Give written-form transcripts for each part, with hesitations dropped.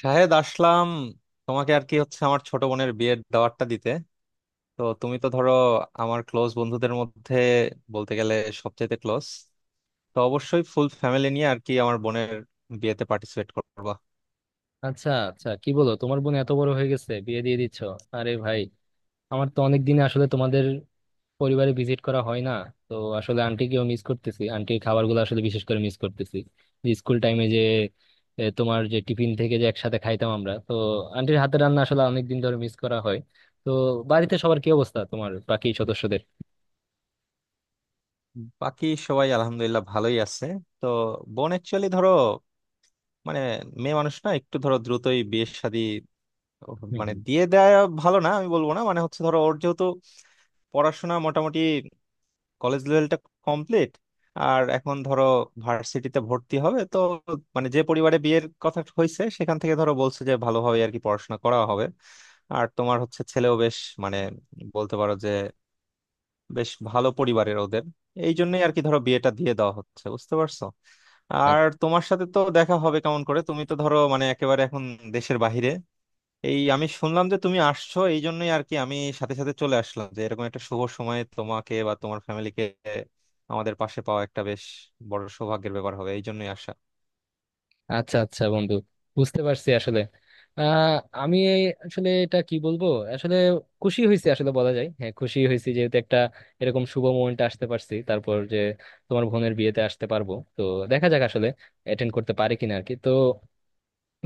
শাহেদ আসলাম, তোমাকে আর কি হচ্ছে আমার ছোট বোনের বিয়ের দাওয়াতটা দিতে। তো তুমি তো ধরো আমার ক্লোজ বন্ধুদের মধ্যে বলতে গেলে সবচেয়ে ক্লোজ। তো অবশ্যই ফুল ফ্যামিলি নিয়ে আর কি আমার বোনের বিয়েতে পার্টিসিপেট করবা। আচ্ছা আচ্ছা, কি বলো, তোমার বোন এত বড় হয়ে গেছে, বিয়ে দিয়ে দিচ্ছ! আরে ভাই, আমার তো অনেক দিনে আসলে তোমাদের পরিবারে ভিজিট করা হয় না। তো আসলে আন্টিকেও মিস করতেছি, আন্টির খাবারগুলো আসলে বিশেষ করে মিস করতেছি। স্কুল টাইমে যে তোমার যে টিফিন থেকে যে একসাথে খাইতাম আমরা, তো আন্টির হাতের রান্না আসলে অনেক দিন ধরে মিস করা হয়। তো বাড়িতে সবার কি অবস্থা, তোমার বাকি সদস্যদের? বাকি সবাই আলহামদুলিল্লাহ ভালোই আছে। তো বোন অ্যাকচুয়ালি ধরো মানে মেয়ে মানুষ না, একটু ধরো দ্রুতই বিয়ে শাদী হুম মানে হুম। দিয়ে দেয়া ভালো, না আমি বলবো না, মানে হচ্ছে ধরো ওর যেহেতু পড়াশোনা মোটামুটি কলেজ লেভেলটা কমপ্লিট, আর এখন ধরো ভার্সিটিতে ভর্তি হবে। তো মানে যে পরিবারে বিয়ের কথা হয়েছে সেখান থেকে ধরো বলছে যে ভালোভাবে আর কি পড়াশোনা করা হবে। আর তোমার হচ্ছে ছেলেও বেশ মানে বলতে পারো যে বেশ ভালো পরিবারের ওদের, এই জন্যই আর কি ধরো বিয়েটা দিয়ে দেওয়া হচ্ছে, বুঝতে পারছো? আর তোমার সাথে তো দেখা হবে কেমন করে, তুমি তো ধরো মানে একেবারে এখন দেশের বাইরে। এই আমি শুনলাম যে তুমি আসছো, এই জন্যই আর কি আমি সাথে সাথে চলে আসলাম যে এরকম একটা শুভ সময়ে তোমাকে বা তোমার ফ্যামিলিকে আমাদের পাশে পাওয়া একটা বেশ বড় সৌভাগ্যের ব্যাপার হবে, এই জন্যই আসা। আচ্ছা আচ্ছা বন্ধু, বুঝতে পারছি আসলে। আহ আমি এই আসলে এটা কি বলবো, আসলে খুশি হয়েছি, আসলে বলা যায়, হ্যাঁ খুশি হয়েছি, যেহেতু একটা এরকম শুভ মোমেন্টে আসতে পারছি। তারপর যে তোমার বোনের বিয়েতে আসতে পারবো, তো দেখা যাক আসলে অ্যাটেন্ড করতে পারি কিনা আর কি। তো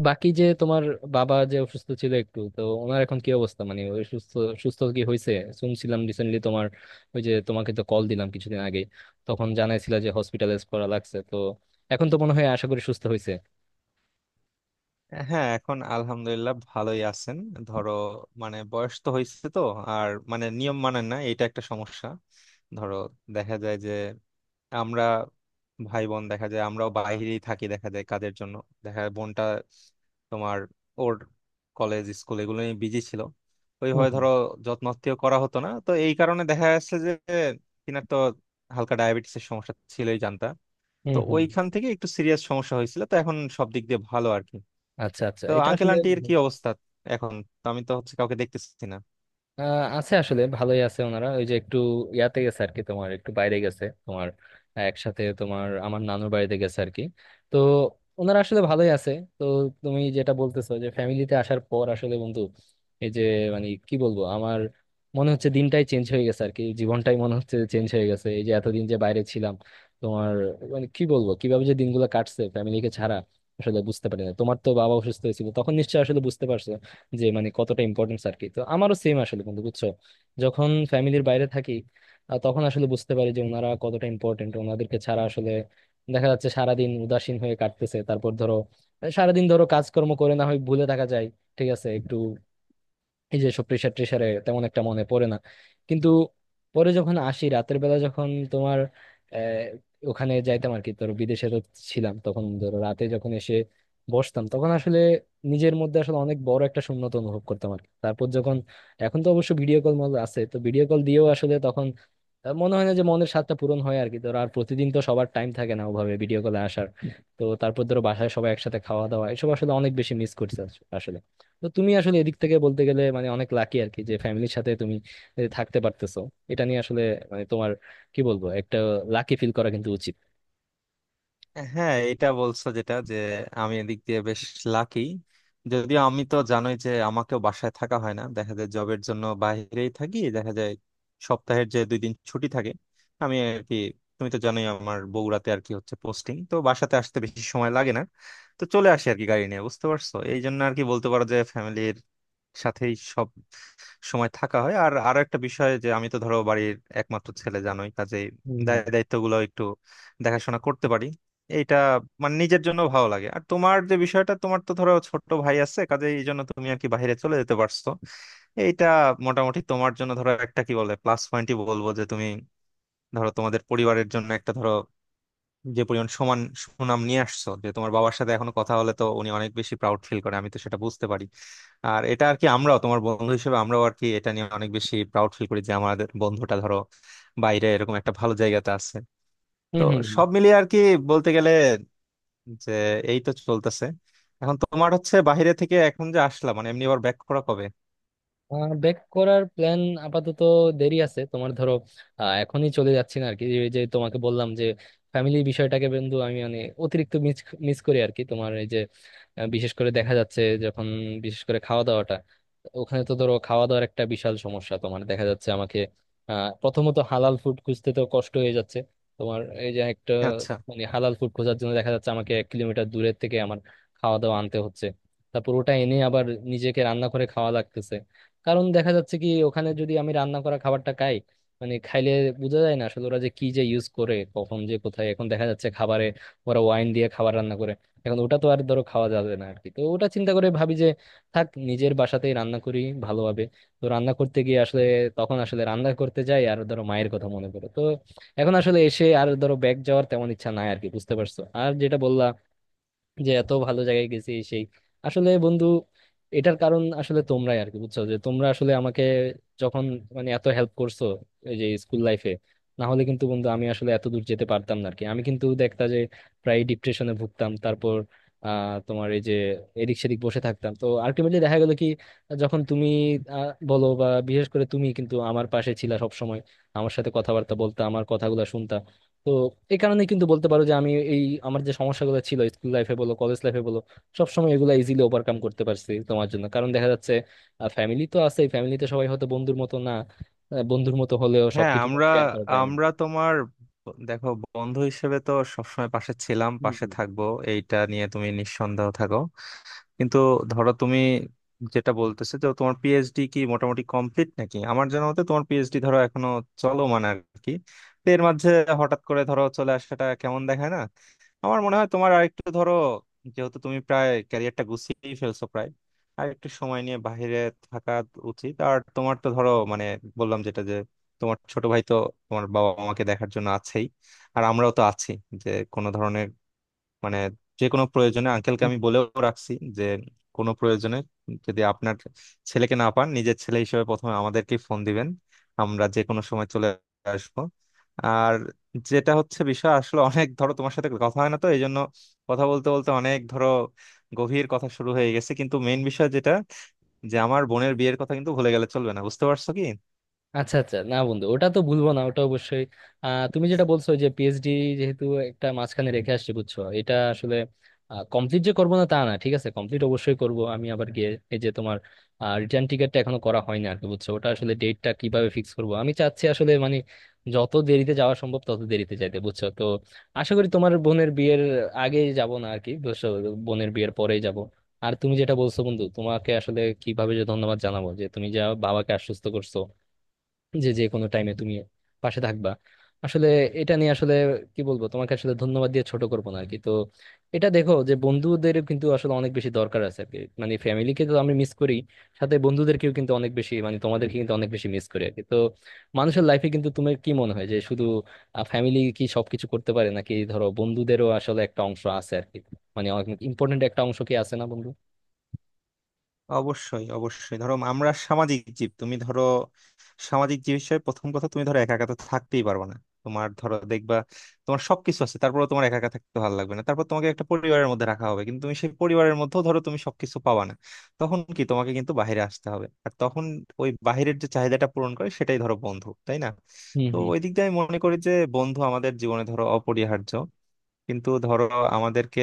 বাকি যে তোমার বাবা যে অসুস্থ ছিল একটু, তো ওনার এখন কি অবস্থা, মানে ওই সুস্থ, সুস্থ কি হয়েছে? শুনছিলাম রিসেন্টলি তোমার, ওই যে তোমাকে তো কল দিলাম কিছুদিন আগে, তখন জানাইছিলা যে হসপিটালাইজ করা লাগছে, তো এখন তো মনে হয় আশা করি সুস্থ হ্যাঁ, এখন আলহামদুলিল্লাহ ভালোই আছেন। ধরো মানে বয়স তো হয়েছে তো, আর মানে নিয়ম মানেন না, এটা একটা সমস্যা। ধরো দেখা যায় যে আমরা ভাই বোন দেখা যায় আমরাও বাইরেই থাকি দেখা যায় কাজের জন্য, দেখা যায় বোনটা তোমার ওর কলেজ স্কুল এগুলো নিয়ে বিজি ছিল, ওইভাবে হয়েছে। ধরো যত্ন আত্তীয় করা হতো না, তো এই কারণে দেখা যাচ্ছে যে কিনার তো হালকা ডায়াবেটিসের সমস্যা ছিলই জানতা। তো হম হম। ওইখান থেকে একটু সিরিয়াস সমস্যা হয়েছিল, তো এখন সব দিক দিয়ে ভালো আর কি। আচ্ছা আচ্ছা, তো এটা আঙ্কেল আসলে আন্টির কি অবস্থা এখন? তো আমি তো হচ্ছে কাউকে দেখতেছি না। আছে আসলে, ভালোই আছে ওনারা। ওই যে একটু ইয়াতে গেছে আর কি, তোমার একটু বাইরে গেছে, তোমার একসাথে তোমার আমার নানুর বাড়িতে গেছে আর কি। তো ওনারা আসলে ভালোই আছে। তো তুমি যেটা বলতেছো যে ফ্যামিলিতে আসার পর আসলে বন্ধু, এই যে মানে কি বলবো, আমার মনে হচ্ছে দিনটাই চেঞ্জ হয়ে গেছে আর কি, জীবনটাই মনে হচ্ছে চেঞ্জ হয়ে গেছে। এই যে এতদিন যে বাইরে ছিলাম তোমার, মানে কি বলবো কিভাবে যে দিনগুলো কাটছে ফ্যামিলিকে ছাড়া, আসলে বুঝতে পারি না। তোমার তো বাবা অসুস্থ হয়েছিল, তখন নিশ্চয়ই আসলে বুঝতে পারছো যে মানে কতটা ইম্পর্টেন্স আর কি। তো আমারও সেম আসলে, কিন্তু বুঝছো যখন ফ্যামিলির বাইরে থাকি, তখন আসলে বুঝতে পারি যে ওনারা কতটা ইম্পর্টেন্ট। ওনাদেরকে ছাড়া আসলে দেখা যাচ্ছে সারাদিন উদাসীন হয়ে কাটতেছে। তারপর ধরো, সারাদিন ধরো কাজকর্ম করে না হয় ভুলে থাকা যায় ঠিক আছে একটু, এই যে সব প্রেশার ট্রেশারে তেমন একটা মনে পড়ে না। কিন্তু পরে যখন আসি, রাতের বেলা যখন তোমার ওখানে যাইতাম আর কি, ধরো বিদেশে তো ছিলাম, তখন ধরো রাতে যখন এসে বসতাম, তখন আসলে নিজের মধ্যে আসলে অনেক বড় একটা শূন্যতা অনুভব করতাম আর কি। তারপর যখন এখন তো অবশ্য ভিডিও কল মল আছে, তো ভিডিও কল দিয়েও আসলে তখন মনে হয় না যে মনের স্বাদটা পূরণ হয় আর কি ধরো। আর প্রতিদিন তো সবার টাইম থাকে না ওভাবে ভিডিও কলে আসার। তো তারপর ধরো বাসায় সবাই একসাথে খাওয়া দাওয়া এসব আসলে অনেক বেশি মিস করছে আসলে। তো তুমি আসলে এদিক থেকে বলতে গেলে মানে অনেক লাকি আর কি, যে ফ্যামিলির সাথে তুমি থাকতে পারতেছো। এটা নিয়ে আসলে মানে তোমার কি বলবো, একটা লাকি ফিল করা কিন্তু উচিত। হ্যাঁ, এটা বলছো যেটা যে আমি এদিক দিয়ে বেশ লাকি, যদিও আমি তো জানোই যে আমাকেও বাসায় থাকা হয় না, দেখা যায় জবের জন্য বাইরেই থাকি দেখা যায়। সপ্তাহের যে দুই দিন ছুটি থাকে আমি আর কি, তুমি তো জানোই আমার বগুড়াতে আর কি হচ্ছে পোস্টিং, তো বাসাতে আসতে বেশি সময় লাগে না, তো চলে আসি আর কি গাড়ি নিয়ে, বুঝতে পারছো? এই জন্য আর কি বলতে পারো যে ফ্যামিলির সাথেই সব সময় থাকা হয়। আর আরো একটা বিষয় যে আমি তো ধরো বাড়ির একমাত্র ছেলে জানোই, কাজেই হুম, দায় হুম। দায়িত্বগুলো একটু দেখাশোনা করতে পারি, এইটা মানে নিজের জন্য ভালো লাগে। আর তোমার যে বিষয়টা, তোমার তো ধরো ছোট ভাই আছে, কাজেই এই জন্য তুমি আর কি বাইরে চলে যেতে পারছো। এইটা মোটামুটি তোমার জন্য ধরো একটা কি বলে প্লাস পয়েন্টই বলবো, যে তুমি ধরো তোমাদের পরিবারের জন্য একটা ধরো যে পরিমাণ সমান সুনাম নিয়ে আসছো, যে তোমার বাবার সাথে এখনো কথা হলে তো উনি অনেক বেশি প্রাউড ফিল করে, আমি তো সেটা বুঝতে পারি। আর এটা আর কি আমরাও তোমার বন্ধু হিসেবে আমরাও আর কি এটা নিয়ে অনেক বেশি প্রাউড ফিল করি, যে আমাদের বন্ধুটা ধরো বাইরে এরকম একটা ভালো জায়গাতে আছে। তো হম হম। সব মিলিয়ে আর কি বলতে গেলে যে এই তো চলতেছে। এখন তোমার হচ্ছে বাইরে থেকে এখন যে আসলাম, মানে এমনি আবার ব্যাক করা কবে? ব্যাক করার প্ল্যান আপাতত দেরি আছে তোমার, ধরো এখনই চলে যাচ্ছি না আরকি। এই যে তোমাকে বললাম যে ফ্যামিলি বিষয়টাকে বন্ধু আমি মানে অতিরিক্ত মিস মিস করি আর কি। তোমার এই যে বিশেষ করে দেখা যাচ্ছে যখন, বিশেষ করে খাওয়া দাওয়াটা, ওখানে তো ধরো খাওয়া দাওয়ার একটা বিশাল সমস্যা তোমার, দেখা যাচ্ছে আমাকে প্রথমত হালাল ফুড খুঁজতে তো কষ্ট হয়ে যাচ্ছে তোমার। এই যে একটা আচ্ছা। মানে হালাল ফুড খোঁজার জন্য দেখা যাচ্ছে আমাকে 1 কিলোমিটার দূরের থেকে আমার খাওয়া দাওয়া আনতে হচ্ছে। তারপর ওটা এনে আবার নিজেকে রান্না করে খাওয়া লাগতেছে। কারণ দেখা যাচ্ছে কি, ওখানে যদি আমি রান্না করা খাবারটা খাই, মানে খাইলে, বোঝা যায় না আসলে ওরা যে কি যে ইউজ করে কখন যে কোথায়। এখন দেখা যাচ্ছে খাবারে ওরা ওয়াইন দিয়ে খাবার রান্না করে। এখন ওটা তো আর ধরো খাওয়া যাবে না আর কি। তো ওটা চিন্তা করে ভাবি যে থাক, নিজের বাসাতেই রান্না করি ভালোভাবে। তো রান্না করতে গিয়ে আসলে, তখন আসলে রান্না করতে যাই আর ধরো মায়ের কথা মনে পড়ে। তো এখন আসলে এসে আর ধরো ব্যাগ যাওয়ার তেমন ইচ্ছা নাই আর কি, বুঝতে পারছো? আর যেটা বললা যে এত ভালো জায়গায় গেছি এই সেই, আসলে বন্ধু এটার কারণ আসলে তোমরাই আর কি, বুঝছো? যে তোমরা আসলে আমাকে যখন মানে এত হেল্প করছো এই যে স্কুল লাইফে, না হলে কিন্তু বন্ধু আমি আসলে এত দূর যেতে পারতাম না আর কি। আমি কিন্তু দেখতা যে প্রায় ডিপ্রেশনে ভুগতাম, তারপর তোমার এই যে এদিক সেদিক বসে থাকতাম। তো আলটিমেটলি দেখা গেল কি, যখন তুমি বলো বা বিশেষ করে তুমি কিন্তু আমার পাশে ছিলা সব সময়, আমার সাথে কথাবার্তা বলতে, আমার কথাগুলো শুনতা। তো এই কারণে কিন্তু বলতে পারো যে আমি এই, আমার যে সমস্যাগুলো ছিল স্কুল লাইফে বলো, কলেজ লাইফে বলো, সবসময় এগুলো ইজিলি ওভারকাম করতে পারছি তোমার জন্য। কারণ দেখা যাচ্ছে ফ্যামিলি তো আছে, ফ্যামিলিতে সবাই হয়তো বন্ধুর মতো না। বন্ধুর মতো হলেও হ্যাঁ সবকিছু আমরা শেয়ার করা যায় না। আমরা তোমার দেখো বন্ধু হিসেবে তো সবসময় পাশে ছিলাম, হুম, পাশে হুম। থাকবো, এইটা নিয়ে তুমি নিঃসন্দেহ থাকো। কিন্তু ধরো তুমি যেটা বলতেছে যে তোমার পিএইচডি কি মোটামুটি কমপ্লিট নাকি? আমার জানা মতে তোমার পিএইচডি ধরো এখনো চলো মানে আর কি। তো এর মাঝে হঠাৎ করে ধরো চলে আসাটা কেমন দেখায় না? আমার মনে হয় তোমার আরেকটু ধরো, যেহেতু তুমি প্রায় ক্যারিয়ারটা গুছিয়েই ফেলছো প্রায়, আর একটু সময় নিয়ে বাইরে থাকা উচিত। আর তোমার তো ধরো মানে বললাম যেটা যে তোমার ছোট ভাই তো তোমার বাবা মাকে দেখার জন্য আছেই, আর আমরাও তো আছি। যে কোনো ধরনের মানে যে কোনো প্রয়োজনে আঙ্কেলকে আমি বলেও রাখছি যে কোনো প্রয়োজনে যদি আপনার ছেলেকে না পান, নিজের ছেলে হিসেবে প্রথমে আমাদেরকে ফোন দিবেন, আমরা যে কোনো সময় চলে আসবো। আর যেটা হচ্ছে বিষয় আসলে অনেক ধরো তোমার সাথে কথা হয় না, তো এই জন্য কথা বলতে বলতে অনেক ধরো গভীর কথা শুরু হয়ে গেছে, কিন্তু মেইন বিষয় যেটা যে আমার বোনের বিয়ের কথা কিন্তু ভুলে গেলে চলবে না, বুঝতে পারছো কি? আচ্ছা আচ্ছা, না বন্ধু, ওটা তো ভুলবো না, ওটা অবশ্যই। তুমি যেটা বলছো যে পিএইচডি, যেহেতু একটা মাঝখানে রেখে আসছে, বুঝছো এটা আসলে কমপ্লিট যে করবো না তা না, ঠিক আছে কমপ্লিট অবশ্যই করব আমি আবার গিয়ে। এই যে তোমার রিটার্ন টিকিটটা এখনো করা হয়নি আর কি, বুঝছো? ওটা আসলে ডেটটা কিভাবে ফিক্স করব, আমি চাচ্ছি আসলে মানে যত দেরিতে যাওয়া সম্ভব তত দেরিতে যাইতে, বুঝছো? তো আশা করি তোমার বোনের বিয়ের আগে যাব না আর কি, বুঝছো? বোনের বিয়ের পরেই যাব। আর তুমি যেটা বলছো বন্ধু, তোমাকে আসলে কিভাবে যে ধন্যবাদ জানাবো, যে তুমি যা বাবাকে আশ্বস্ত করছো যে যে কোনো টাইমে তুমি পাশে থাকবা, আসলে এটা নিয়ে আসলে কি বলবো, তোমাকে আসলে ধন্যবাদ দিয়ে ছোট করবো না আর কি। তো এটা দেখো যে বন্ধুদের কিন্তু আসলে অনেক বেশি দরকার আছে আর কি। মানে ফ্যামিলিকে তো আমি মিস করি, সাথে বন্ধুদেরকেও কিন্তু অনেক বেশি, মানে তোমাদেরকে কিন্তু অনেক বেশি মিস করি আর কি। তো মানুষের লাইফে কিন্তু তোমার কি মনে হয় যে শুধু ফ্যামিলি কি সবকিছু করতে পারে, নাকি ধরো বন্ধুদেরও আসলে একটা অংশ আছে আর কি, মানে অনেক ইম্পর্টেন্ট একটা অংশ কি আছে না বন্ধু? অবশ্যই, অবশ্যই ধরো আমরা সামাজিক জীব, তুমি ধরো সামাজিক জীব হিসেবে প্রথম কথা তুমি ধরো একা একা তো থাকতেই পারবে না। তোমার ধরো দেখবা তোমার সবকিছু আছে, তারপরে তোমার একা একা থাকতে ভালো লাগবে না, তারপর তোমাকে একটা পরিবারের মধ্যে রাখা হবে, কিন্তু তুমি সেই পরিবারের মধ্যেও ধরো তুমি সবকিছু পাবা না। তখন কি তোমাকে কিন্তু বাইরে আসতে হবে, আর তখন ওই বাইরের যে চাহিদাটা পূরণ করে সেটাই ধরো বন্ধু, তাই না? হুম তো হুম। ওই দিক দিয়ে আমি মনে করি যে বন্ধু আমাদের জীবনে ধরো অপরিহার্য। কিন্তু ধরো আমাদেরকে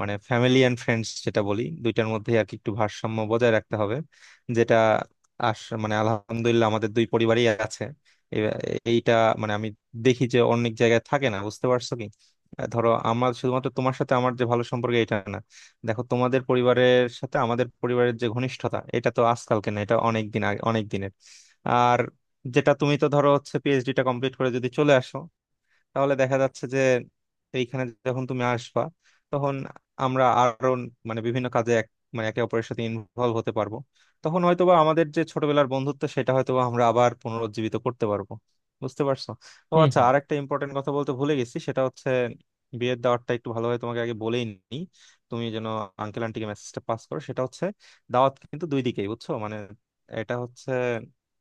মানে ফ্যামিলি এন্ড ফ্রেন্ডস যেটা বলি দুইটার মধ্যে আর কি একটু ভারসাম্য বজায় রাখতে হবে, যেটা আস মানে আলহামদুলিল্লাহ আমাদের দুই পরিবারই আছে। এ- এইটা মানে আমি দেখি যে অনেক জায়গায় থাকে না, বুঝতে পারছো কি? ধরো আমার শুধুমাত্র তোমার সাথে আমার যে ভালো সম্পর্ক এটা না, দেখো তোমাদের পরিবারের সাথে আমাদের পরিবারের যে ঘনিষ্ঠতা এটা তো আজকালকে না, এটা অনেক দিন আগে, অনেক দিনের। আর যেটা, তুমি তো ধরো হচ্ছে পিএইচডিটা কমপ্লিট করে যদি চলে আসো, তাহলে দেখা যাচ্ছে যে এইখানে যখন তুমি আসবা তখন আমরা আরো মানে বিভিন্ন কাজে এক মানে একে অপরের সাথে ইনভলভ হতে পারবো, তখন হয়তোবা আমাদের যে ছোটবেলার বন্ধুত্ব সেটা হয়তোবা আমরা আবার পুনরুজ্জীবিত করতে পারবো, বুঝতে পারছো? ও হুম আচ্ছা, হুম। আর একটা ইম্পর্টেন্ট কথা বলতে ভুলে গেছি, সেটা হচ্ছে বিয়ের দাওয়াতটা একটু ভালোভাবে তোমাকে আগে বলেই নি। তুমি যেন আঙ্কেল আন্টিকে মেসেজটা পাস করো, সেটা হচ্ছে দাওয়াত কিন্তু দুই দিকেই, বুঝছো? মানে এটা হচ্ছে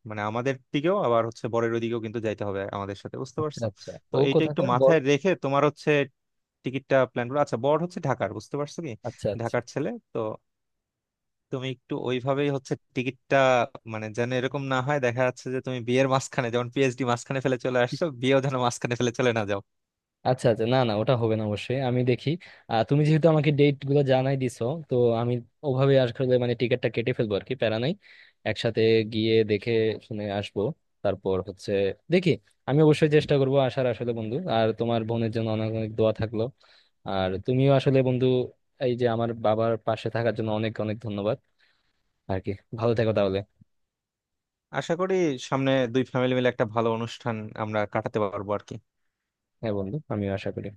মানে আমাদের দিকেও আবার হচ্ছে বরের ওদিকেও কিন্তু যাইতে হবে আমাদের সাথে, বুঝতে আচ্ছা পারছো? আচ্ছা, তো ও এইটা একটু কোথাকার বল? মাথায় রেখে তোমার হচ্ছে টিকিটটা প্ল্যান করো। আচ্ছা বড় হচ্ছে ঢাকার, বুঝতে পারছো কি? আচ্ছা আচ্ছা। ঢাকার ছেলে তো। তুমি একটু ওইভাবেই হচ্ছে টিকিটটা মানে যেন এরকম না হয় দেখা যাচ্ছে যে তুমি বিয়ের মাঝখানে, যেমন পিএইচডি মাঝখানে ফেলে চলে আসছো, বিয়েও যেন মাঝখানে ফেলে চলে না যাও। আচ্ছা আচ্ছা, না না, ওটা হবে না, অবশ্যই আমি দেখি। তুমি যেহেতু আমাকে ডেট গুলো জানাই দিছো, তো আমি ওভাবে আসলে মানে টিকিটটা কেটে ফেলবো আর কি, প্যারা নাই। একসাথে গিয়ে দেখে শুনে আসবো। তারপর হচ্ছে দেখি, আমি অবশ্যই চেষ্টা করবো আসার আসলে বন্ধু। আর তোমার বোনের জন্য অনেক অনেক দোয়া থাকলো। আর তুমিও আসলে বন্ধু, এই যে আমার বাবার পাশে থাকার জন্য অনেক অনেক ধন্যবাদ আর কি। ভালো থেকো তাহলে। আশা করি সামনে দুই ফ্যামিলি মিলে একটা ভালো অনুষ্ঠান আমরা কাটাতে পারবো আর কি। হ্যাঁ বন্ধু, আমিও আশা করি।